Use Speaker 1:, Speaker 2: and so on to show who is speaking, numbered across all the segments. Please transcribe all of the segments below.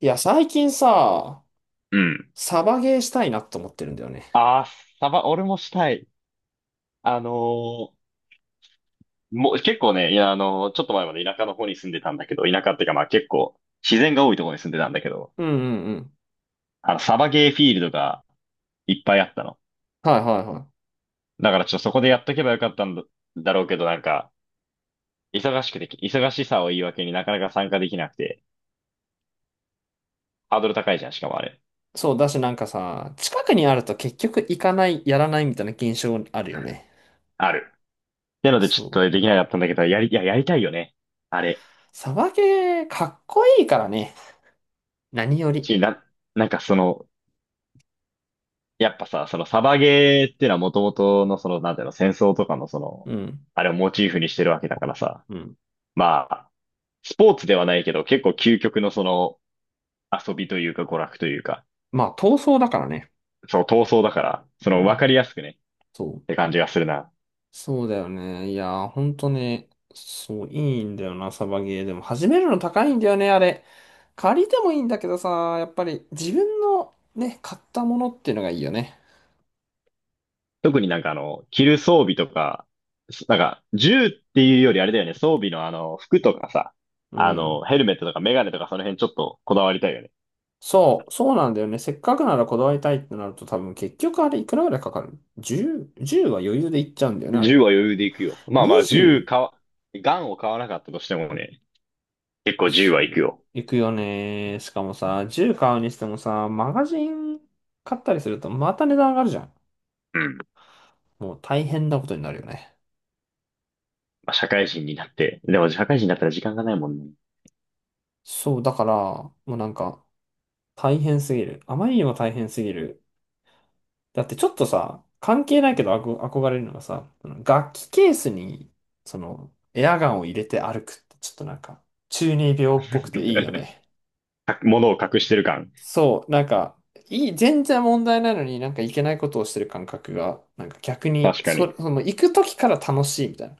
Speaker 1: いや、最近さ、
Speaker 2: うん。
Speaker 1: サバゲーしたいなと思ってるんだよね。
Speaker 2: ああ、俺もしたい。あのーもう結構ね、いや、ちょっと前まで田舎の方に住んでたんだけど、田舎っていうかまあ結構自然が多いところに住んでたんだけど、
Speaker 1: うんうんうん。
Speaker 2: サバゲーフィールドがいっぱいあったの。
Speaker 1: はいはいはい。
Speaker 2: だからちょっとそこでやっとけばよかったんだ、だろうけど、なんか、忙しくて、忙しさを言い訳になかなか参加できなくて、ハードル高いじゃん、しかもあれ。
Speaker 1: そう、だしなんかさ、近くにあると結局行かない、やらないみたいな現象あるよね。
Speaker 2: ある。なのでちょ
Speaker 1: そ
Speaker 2: っ
Speaker 1: う。
Speaker 2: とできなかったんだけど、いや、やりたいよね。あれ。
Speaker 1: サバゲー、かっこいいからね。何より。
Speaker 2: し、な、なんかその、やっぱさ、そのサバゲーっていうのはもともとのその、なんていうの、戦争とかのその、
Speaker 1: うん。
Speaker 2: あれをモチーフにしてるわけだからさ。
Speaker 1: うん。
Speaker 2: まあ、スポーツではないけど、結構究極のその、遊びというか娯楽というか、
Speaker 1: まあ、闘争だからね。
Speaker 2: そう闘争だから、
Speaker 1: う
Speaker 2: その分か
Speaker 1: ん。
Speaker 2: りやすくね、
Speaker 1: そ
Speaker 2: っ
Speaker 1: う。
Speaker 2: て感じがするな。
Speaker 1: そうだよね。いやー、ほんとね、そう、いいんだよな、サバゲー。でも、始めるの高いんだよね、あれ。借りてもいいんだけどさ、やっぱり自分のね、買ったものっていうのがいいよね。
Speaker 2: 特になんか、着る装備とか、なんか、銃っていうよりあれだよね、装備の服とかさ、
Speaker 1: うん。
Speaker 2: ヘルメットとかメガネとかその辺ちょっとこだわりたいよね。
Speaker 1: そう、そうなんだよね。せっかくならこだわりたいってなると多分結局あれいくらぐらいかかる？ 10、じゅうは余裕でいっちゃうんだよね、あれ。
Speaker 2: 銃は余裕でいくよ。まあまあ、銃
Speaker 1: 20、
Speaker 2: 買わ、ガンを買わなかったとしてもね、結構10はいく
Speaker 1: そ
Speaker 2: よ。
Speaker 1: う、いくよね。しかもさ、10買うにしてもさ、マガジン買ったりするとまた値段上がるじゃん。
Speaker 2: うん。
Speaker 1: もう大変なことになるよね。
Speaker 2: まあ、社会人になって。でも社会人になったら時間がないもんね。
Speaker 1: そう、だから、もうなんか、大変すぎる。あまりにも大変すぎる。だってちょっとさ、関係ないけど憧れるのがさ、その楽器ケースに、その、エアガンを入れて歩くって、ちょっとなんか、中二病っぽくていいよね。
Speaker 2: 物を隠してる感。
Speaker 1: そう、なんか、いい、全然問題ないのになんかいけないことをしてる感覚が、なんか逆に、
Speaker 2: 確かに。
Speaker 1: その、行く時から楽しいみたいな。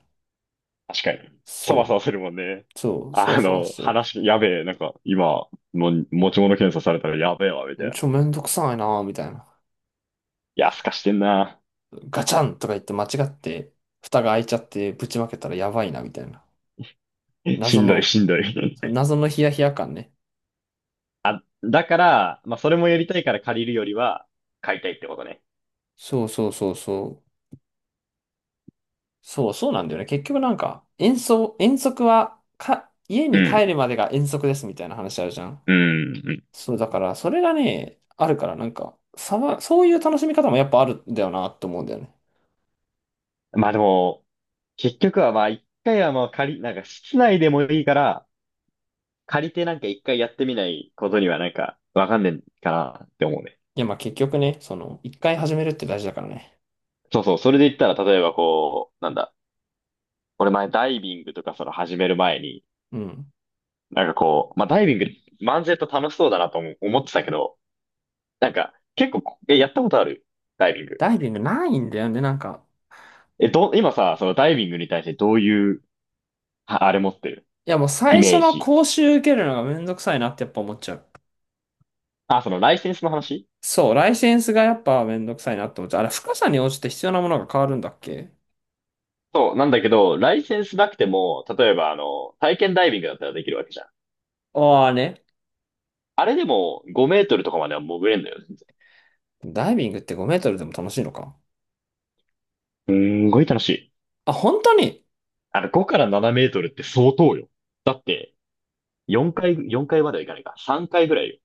Speaker 2: 確かに。そわそ
Speaker 1: そ
Speaker 2: わするもんね。
Speaker 1: う、そう、そわそわしてる。
Speaker 2: やべえ、なんか、今、持ち物検査されたらやべえわ、みたいな。い
Speaker 1: ちょ、めんどくさいなぁ、みたいな。
Speaker 2: や、すかしてんな。
Speaker 1: ガチャンとか言って間違って、蓋が開いちゃってぶちまけたらやばいな、みたいな。
Speaker 2: し
Speaker 1: 謎
Speaker 2: んどい、
Speaker 1: の、
Speaker 2: しんどい。
Speaker 1: その謎のヒヤヒヤ感ね。
Speaker 2: だから、まあ、それもやりたいから借りるよりは、買いたいってことね。
Speaker 1: そうそうそうそう。そうそうなんだよね。結局なんか、遠足、遠足は、か、家
Speaker 2: う
Speaker 1: に
Speaker 2: ん、
Speaker 1: 帰るまでが遠足ですみたいな話あるじゃん。
Speaker 2: うん、うん。
Speaker 1: そう、だから、それがね、あるから、なんか、そういう楽しみ方もやっぱあるんだよなって思うんだよね。
Speaker 2: まあでも、結局はまあ、一回はまあ借り、なんか室内でもいいから、借りてなんか一回やってみないことにはなんかわかんねえかなって思うね。
Speaker 1: いや、まあ結局ね、その、一回始めるって大事だからね。
Speaker 2: そうそう、それで言ったら例えばこう、なんだ、俺前ダイビングとかその始める前に、
Speaker 1: うん。
Speaker 2: なんかこう、まあダイビング漫然と楽しそうだなとも思ってたけど、なんか結構やったことあるダイビング。
Speaker 1: ダイビングないんだよね、なんか。
Speaker 2: 今さ、そのダイビングに対してどういう、ああれ持ってる
Speaker 1: いや、もう
Speaker 2: イ
Speaker 1: 最初
Speaker 2: メー
Speaker 1: の
Speaker 2: ジ。
Speaker 1: 講習受けるのがめんどくさいなってやっぱ思っちゃう。
Speaker 2: あ、そのライセンスの話。
Speaker 1: そう、ライセンスがやっぱめんどくさいなって思っちゃう。あれ、深さに応じて必要なものが変わるんだっけ？
Speaker 2: そう、なんだけど、ライセンスなくても、例えば体験ダイビングだったらできるわけじゃん。
Speaker 1: ああね。
Speaker 2: あれでも5メートルとかまでは潜れんだよね。
Speaker 1: ダイビングって5メートルでも楽しいのか。
Speaker 2: すんごい楽しい。
Speaker 1: あ、本当に、
Speaker 2: 5から7メートルって相当よ。だって、4回まではいかないか。3回ぐらいよ。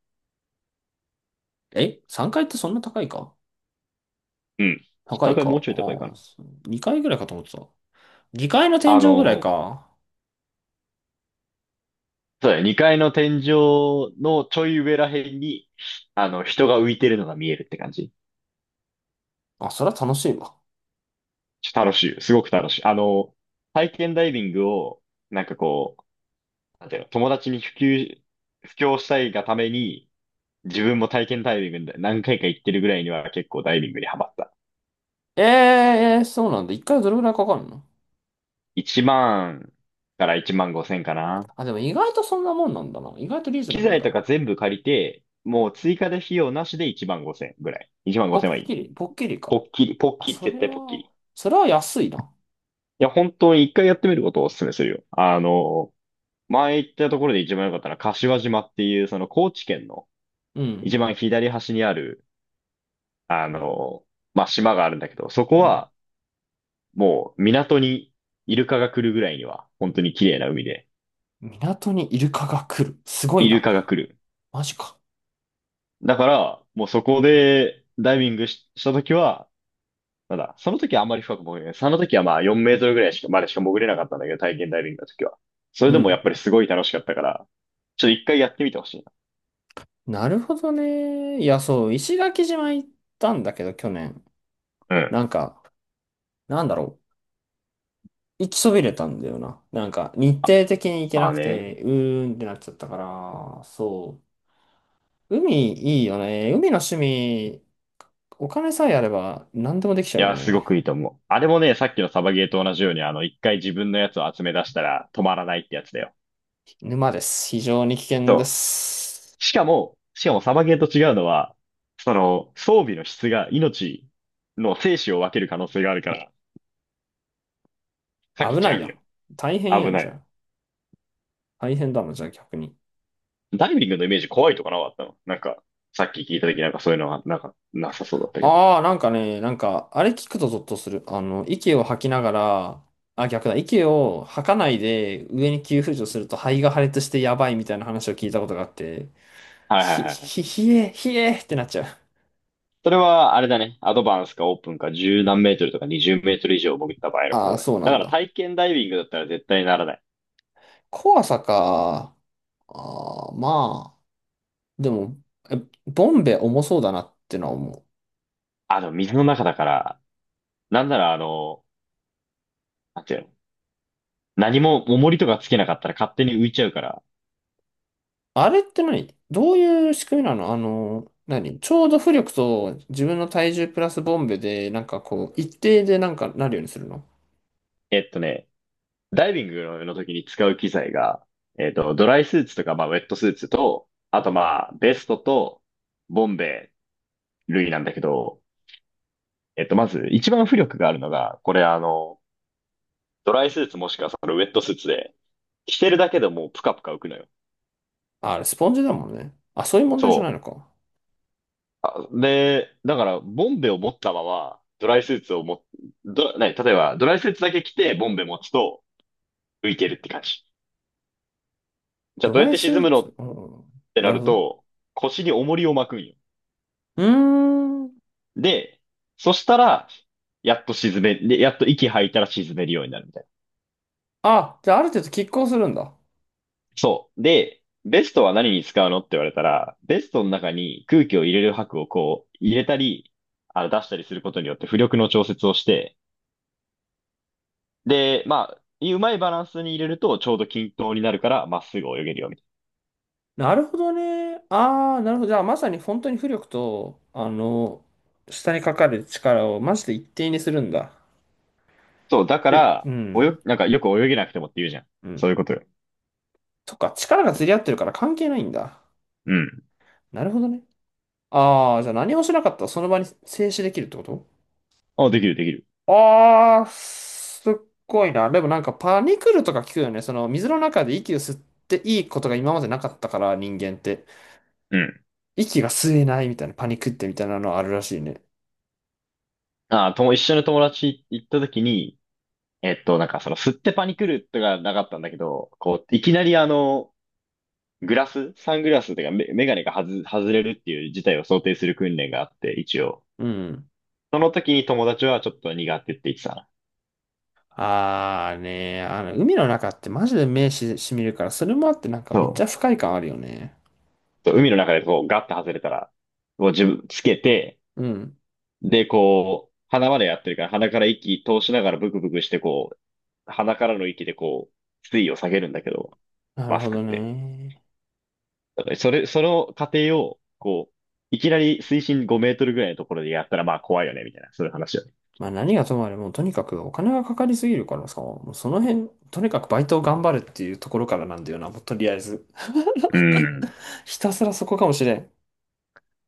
Speaker 1: 3 階ってそんな高いか
Speaker 2: うん。
Speaker 1: 高
Speaker 2: 3
Speaker 1: い
Speaker 2: 回
Speaker 1: か。あ
Speaker 2: もうちょい高いかな。
Speaker 1: あ、2階ぐらいかと思ってた。2階の天
Speaker 2: あ
Speaker 1: 井ぐらい
Speaker 2: の、
Speaker 1: か。
Speaker 2: そうだよ。2階の天井のちょい上らへんに、人が浮いてるのが見えるって感じ。
Speaker 1: あ、そりゃ楽しいわ。
Speaker 2: ちょ楽しいよ。すごく楽しい。体験ダイビングを、なんかこう、なんていうの、友達に布教したいがために、自分も体験ダイビングで何回か行ってるぐらいには結構ダイビングにハマった。
Speaker 1: ええー、そうなんだ。1回どれぐらいかかるの？
Speaker 2: 1万から1万5千かな。
Speaker 1: あ、でも意外とそんなもんなんだな。意外とリーズナ
Speaker 2: 機
Speaker 1: ブル
Speaker 2: 材と
Speaker 1: だ。
Speaker 2: か全部借りて、もう追加で費用なしで1万5千ぐらい。1万
Speaker 1: ポ
Speaker 2: 5千は
Speaker 1: ッキ
Speaker 2: いい。
Speaker 1: リポッキリ
Speaker 2: ポ
Speaker 1: か。
Speaker 2: ッキリ、ポッ
Speaker 1: あ、
Speaker 2: キリ、
Speaker 1: そ
Speaker 2: 絶
Speaker 1: れ
Speaker 2: 対ポッキ
Speaker 1: は、
Speaker 2: リ。い
Speaker 1: それは安いな。
Speaker 2: や、本当に一回やってみることをお勧めするよ。前行ったところで一番良かったのは柏島っていう、その高知県の
Speaker 1: うん。
Speaker 2: 一番左端にある、あの、まあ、島があるんだけど、そ
Speaker 1: う
Speaker 2: こ
Speaker 1: ん。
Speaker 2: はもう港にイルカが来るぐらいには、本当に綺麗な海で、
Speaker 1: 港にイルカが来る。すごい
Speaker 2: イルカが来
Speaker 1: な。
Speaker 2: る。
Speaker 1: マジか。
Speaker 2: だから、もうそこでダイビングし、したときは、なんだ、その時はあんまり深く潜れない。その時はまあ4メートルぐらいまでしか潜れなかったんだけど、体験ダイビングの時は。それ
Speaker 1: う
Speaker 2: でもやっ
Speaker 1: ん。
Speaker 2: ぱりすごい楽しかったから、ちょっと一回やってみてほしいな。
Speaker 1: なるほどね。いや、そう、石垣島行ったんだけど、去年。
Speaker 2: うん。
Speaker 1: なんか、なんだろう。行きそびれたんだよな。なんか、日程的に行け
Speaker 2: あ
Speaker 1: な
Speaker 2: あ
Speaker 1: く
Speaker 2: ね。
Speaker 1: て、うーんってなっちゃったから、そう。海いいよね。海の趣味、お金さえあれば何でもできち
Speaker 2: い
Speaker 1: ゃうよ
Speaker 2: や、すご
Speaker 1: ね。
Speaker 2: くいいと思う。あれもね、さっきのサバゲーと同じように、一回自分のやつを集め出したら止まらないってやつだよ。
Speaker 1: 沼です。非常に危険で
Speaker 2: そ
Speaker 1: す。
Speaker 2: う。しかもサバゲーと違うのは、その、装備の質が命の生死を分ける可能性があるから、避け
Speaker 1: 危
Speaker 2: ち
Speaker 1: な
Speaker 2: ゃ
Speaker 1: い
Speaker 2: う
Speaker 1: やん。
Speaker 2: よ。
Speaker 1: 大変や
Speaker 2: 危
Speaker 1: ん
Speaker 2: な
Speaker 1: じゃ
Speaker 2: い。
Speaker 1: ん。大変だもん、じゃあ逆に。
Speaker 2: ダイビングのイメージ怖いとかなかったのなんか、さっき聞いた時なんかそういうのはなんかなさそうだったけど。
Speaker 1: ああ、なんかね、なんか、あれ聞くとゾッとする。あの、息を吐きながら、あ、逆だ、息を吐かないで上に急浮上すると肺が破裂してやばいみたいな話を聞いたことがあって、
Speaker 2: はいはいはいはい。
Speaker 1: ひえってなっちゃう。
Speaker 2: それは、あれだね。アドバンスかオープンか10何メートルとか20メートル以上潜った場合のこ
Speaker 1: あ
Speaker 2: と
Speaker 1: あ、
Speaker 2: だね。
Speaker 1: そうな
Speaker 2: だか
Speaker 1: ん
Speaker 2: ら
Speaker 1: だ。
Speaker 2: 体験ダイビングだったら絶対にならない。
Speaker 1: 怖さか。ああ、まあ、でも、えボンベ重そうだなってのは思う。
Speaker 2: あ、でも水の中だから、なんならなんていうの何も重りとかつけなかったら勝手に浮いちゃうから。
Speaker 1: あれってどういう仕組みなの？あの、ちょうど浮力と自分の体重プラスボンベで、なんかこう、一定でなんかなるようにするの？
Speaker 2: えっとね、ダイビングの時に使う機材が、ドライスーツとか、まあ、ウェットスーツと、あとまあ、ベストと、ボンベ類なんだけど、まず、一番浮力があるのが、これドライスーツもしくはそのウェットスーツで、着てるだけでもうプカプカ浮くのよ。
Speaker 1: あ、あれ、スポンジだもんね。あ、そういう問
Speaker 2: そ
Speaker 1: 題じゃないのか。
Speaker 2: う。で、だから、ボンベを持ったまま、ドライスーツをも、ど、ね、例えば、ドライスーツだけ着て、ボンベ持つと、浮いてるって感じ。じゃあ、
Speaker 1: ド
Speaker 2: どうや
Speaker 1: ラ
Speaker 2: っ
Speaker 1: イ
Speaker 2: て
Speaker 1: ス
Speaker 2: 沈む
Speaker 1: ー
Speaker 2: の
Speaker 1: ツ、
Speaker 2: っ
Speaker 1: うん、
Speaker 2: てな
Speaker 1: なる
Speaker 2: る
Speaker 1: ほどね。
Speaker 2: と、腰に重りを巻くんよ。
Speaker 1: うーん。
Speaker 2: で、そしたら、やっと息吐いたら沈めるようになるみたいな。
Speaker 1: あ、じゃあ、ある程度拮抗するんだ。
Speaker 2: そう。で、ベストは何に使うのって言われたら、ベストの中に空気を入れる箔をこう入れたり、出したりすることによって浮力の調節をして、で、まあ、うまいバランスに入れるとちょうど均等になるからまっすぐ泳げるよ、みたいな。
Speaker 1: なるほどね。ああ、なるほど。じゃあ、まさに本当に浮力と、あの、下にかかる力をマジで一定にするんだ。
Speaker 2: そう、だか
Speaker 1: え、う
Speaker 2: ら、
Speaker 1: ん、
Speaker 2: なんかよく泳げなくてもって言うじゃん。
Speaker 1: う
Speaker 2: そう
Speaker 1: ん。
Speaker 2: いうことよ。
Speaker 1: そっか、力が釣り合ってるから関係ないんだ。
Speaker 2: うん。
Speaker 1: なるほどね。ああ、じゃあ何もしなかったらその場に静止できるってこと？
Speaker 2: あ、できるできる。
Speaker 1: ああ、すっごいな。でもなんかパニクルとか聞くよね。その水の中で息を吸っていいことが今までなかったから人間って。
Speaker 2: うん。
Speaker 1: 息が吸えないみたいなパニクってみたいなのあるらしいね。
Speaker 2: あ、一緒に友達行った時に、なんかその、吸ってパニクるとかなかったんだけど、こう、いきなりグラス、サングラスというかメガネが外れるっていう事態を想定する訓練があって、一応。
Speaker 1: うん。
Speaker 2: その時に友達はちょっと苦手って言ってたな。
Speaker 1: ああね、あの海の中ってマジで目しみるから、それもあってなんか
Speaker 2: そ
Speaker 1: めっちゃ
Speaker 2: う。
Speaker 1: 不快感あるよね。
Speaker 2: そう海の中でこうガッて外れたら、こう自分つけて、
Speaker 1: うん。
Speaker 2: で、こう、鼻までやってるから鼻から息通しながらブクブクしてこう、鼻からの息でこう、水位を下げるんだけど、
Speaker 1: なる
Speaker 2: マス
Speaker 1: ほ
Speaker 2: ク
Speaker 1: ど
Speaker 2: って。
Speaker 1: ね。
Speaker 2: だからそれ、その過程を、こう、いきなり水深5メートルぐらいのところでやったらまあ怖いよね、みたいな、そういう話よね。
Speaker 1: まあ何がともあれもうとにかくお金がかかりすぎるからさ、もうその辺、とにかくバイトを頑張るっていうところからなんだよな、もうとりあえず。
Speaker 2: うん。
Speaker 1: ひたすらそこかもしれん。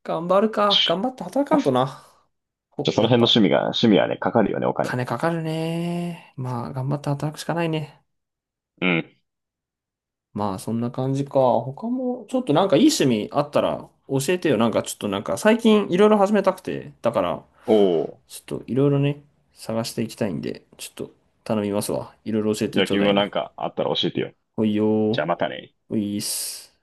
Speaker 1: 頑張るか。頑張って働か
Speaker 2: ま
Speaker 1: んとな。
Speaker 2: あじ
Speaker 1: ほ
Speaker 2: ゃあそ
Speaker 1: や
Speaker 2: の
Speaker 1: っ
Speaker 2: 辺の
Speaker 1: ぱ、
Speaker 2: 趣味はね、かかるよね、お金。
Speaker 1: 金かかるね。まあ、頑張って働くしかないね。
Speaker 2: うん。
Speaker 1: まあ、そんな感じか。他も、ちょっとなんかいい趣味あったら教えてよ。なんかちょっとなんか最近いろいろ始めたくて。だから、
Speaker 2: おお。
Speaker 1: ちょっといろいろね、探していきたいんで、ちょっと頼みますわ。いろいろ教え
Speaker 2: じ
Speaker 1: て
Speaker 2: ゃあ
Speaker 1: ちょう
Speaker 2: 君
Speaker 1: だ
Speaker 2: も
Speaker 1: い
Speaker 2: な
Speaker 1: な。
Speaker 2: んかあったら教えてよ。
Speaker 1: ほいよ
Speaker 2: じゃあ
Speaker 1: ー。
Speaker 2: またね。
Speaker 1: ほいーっす。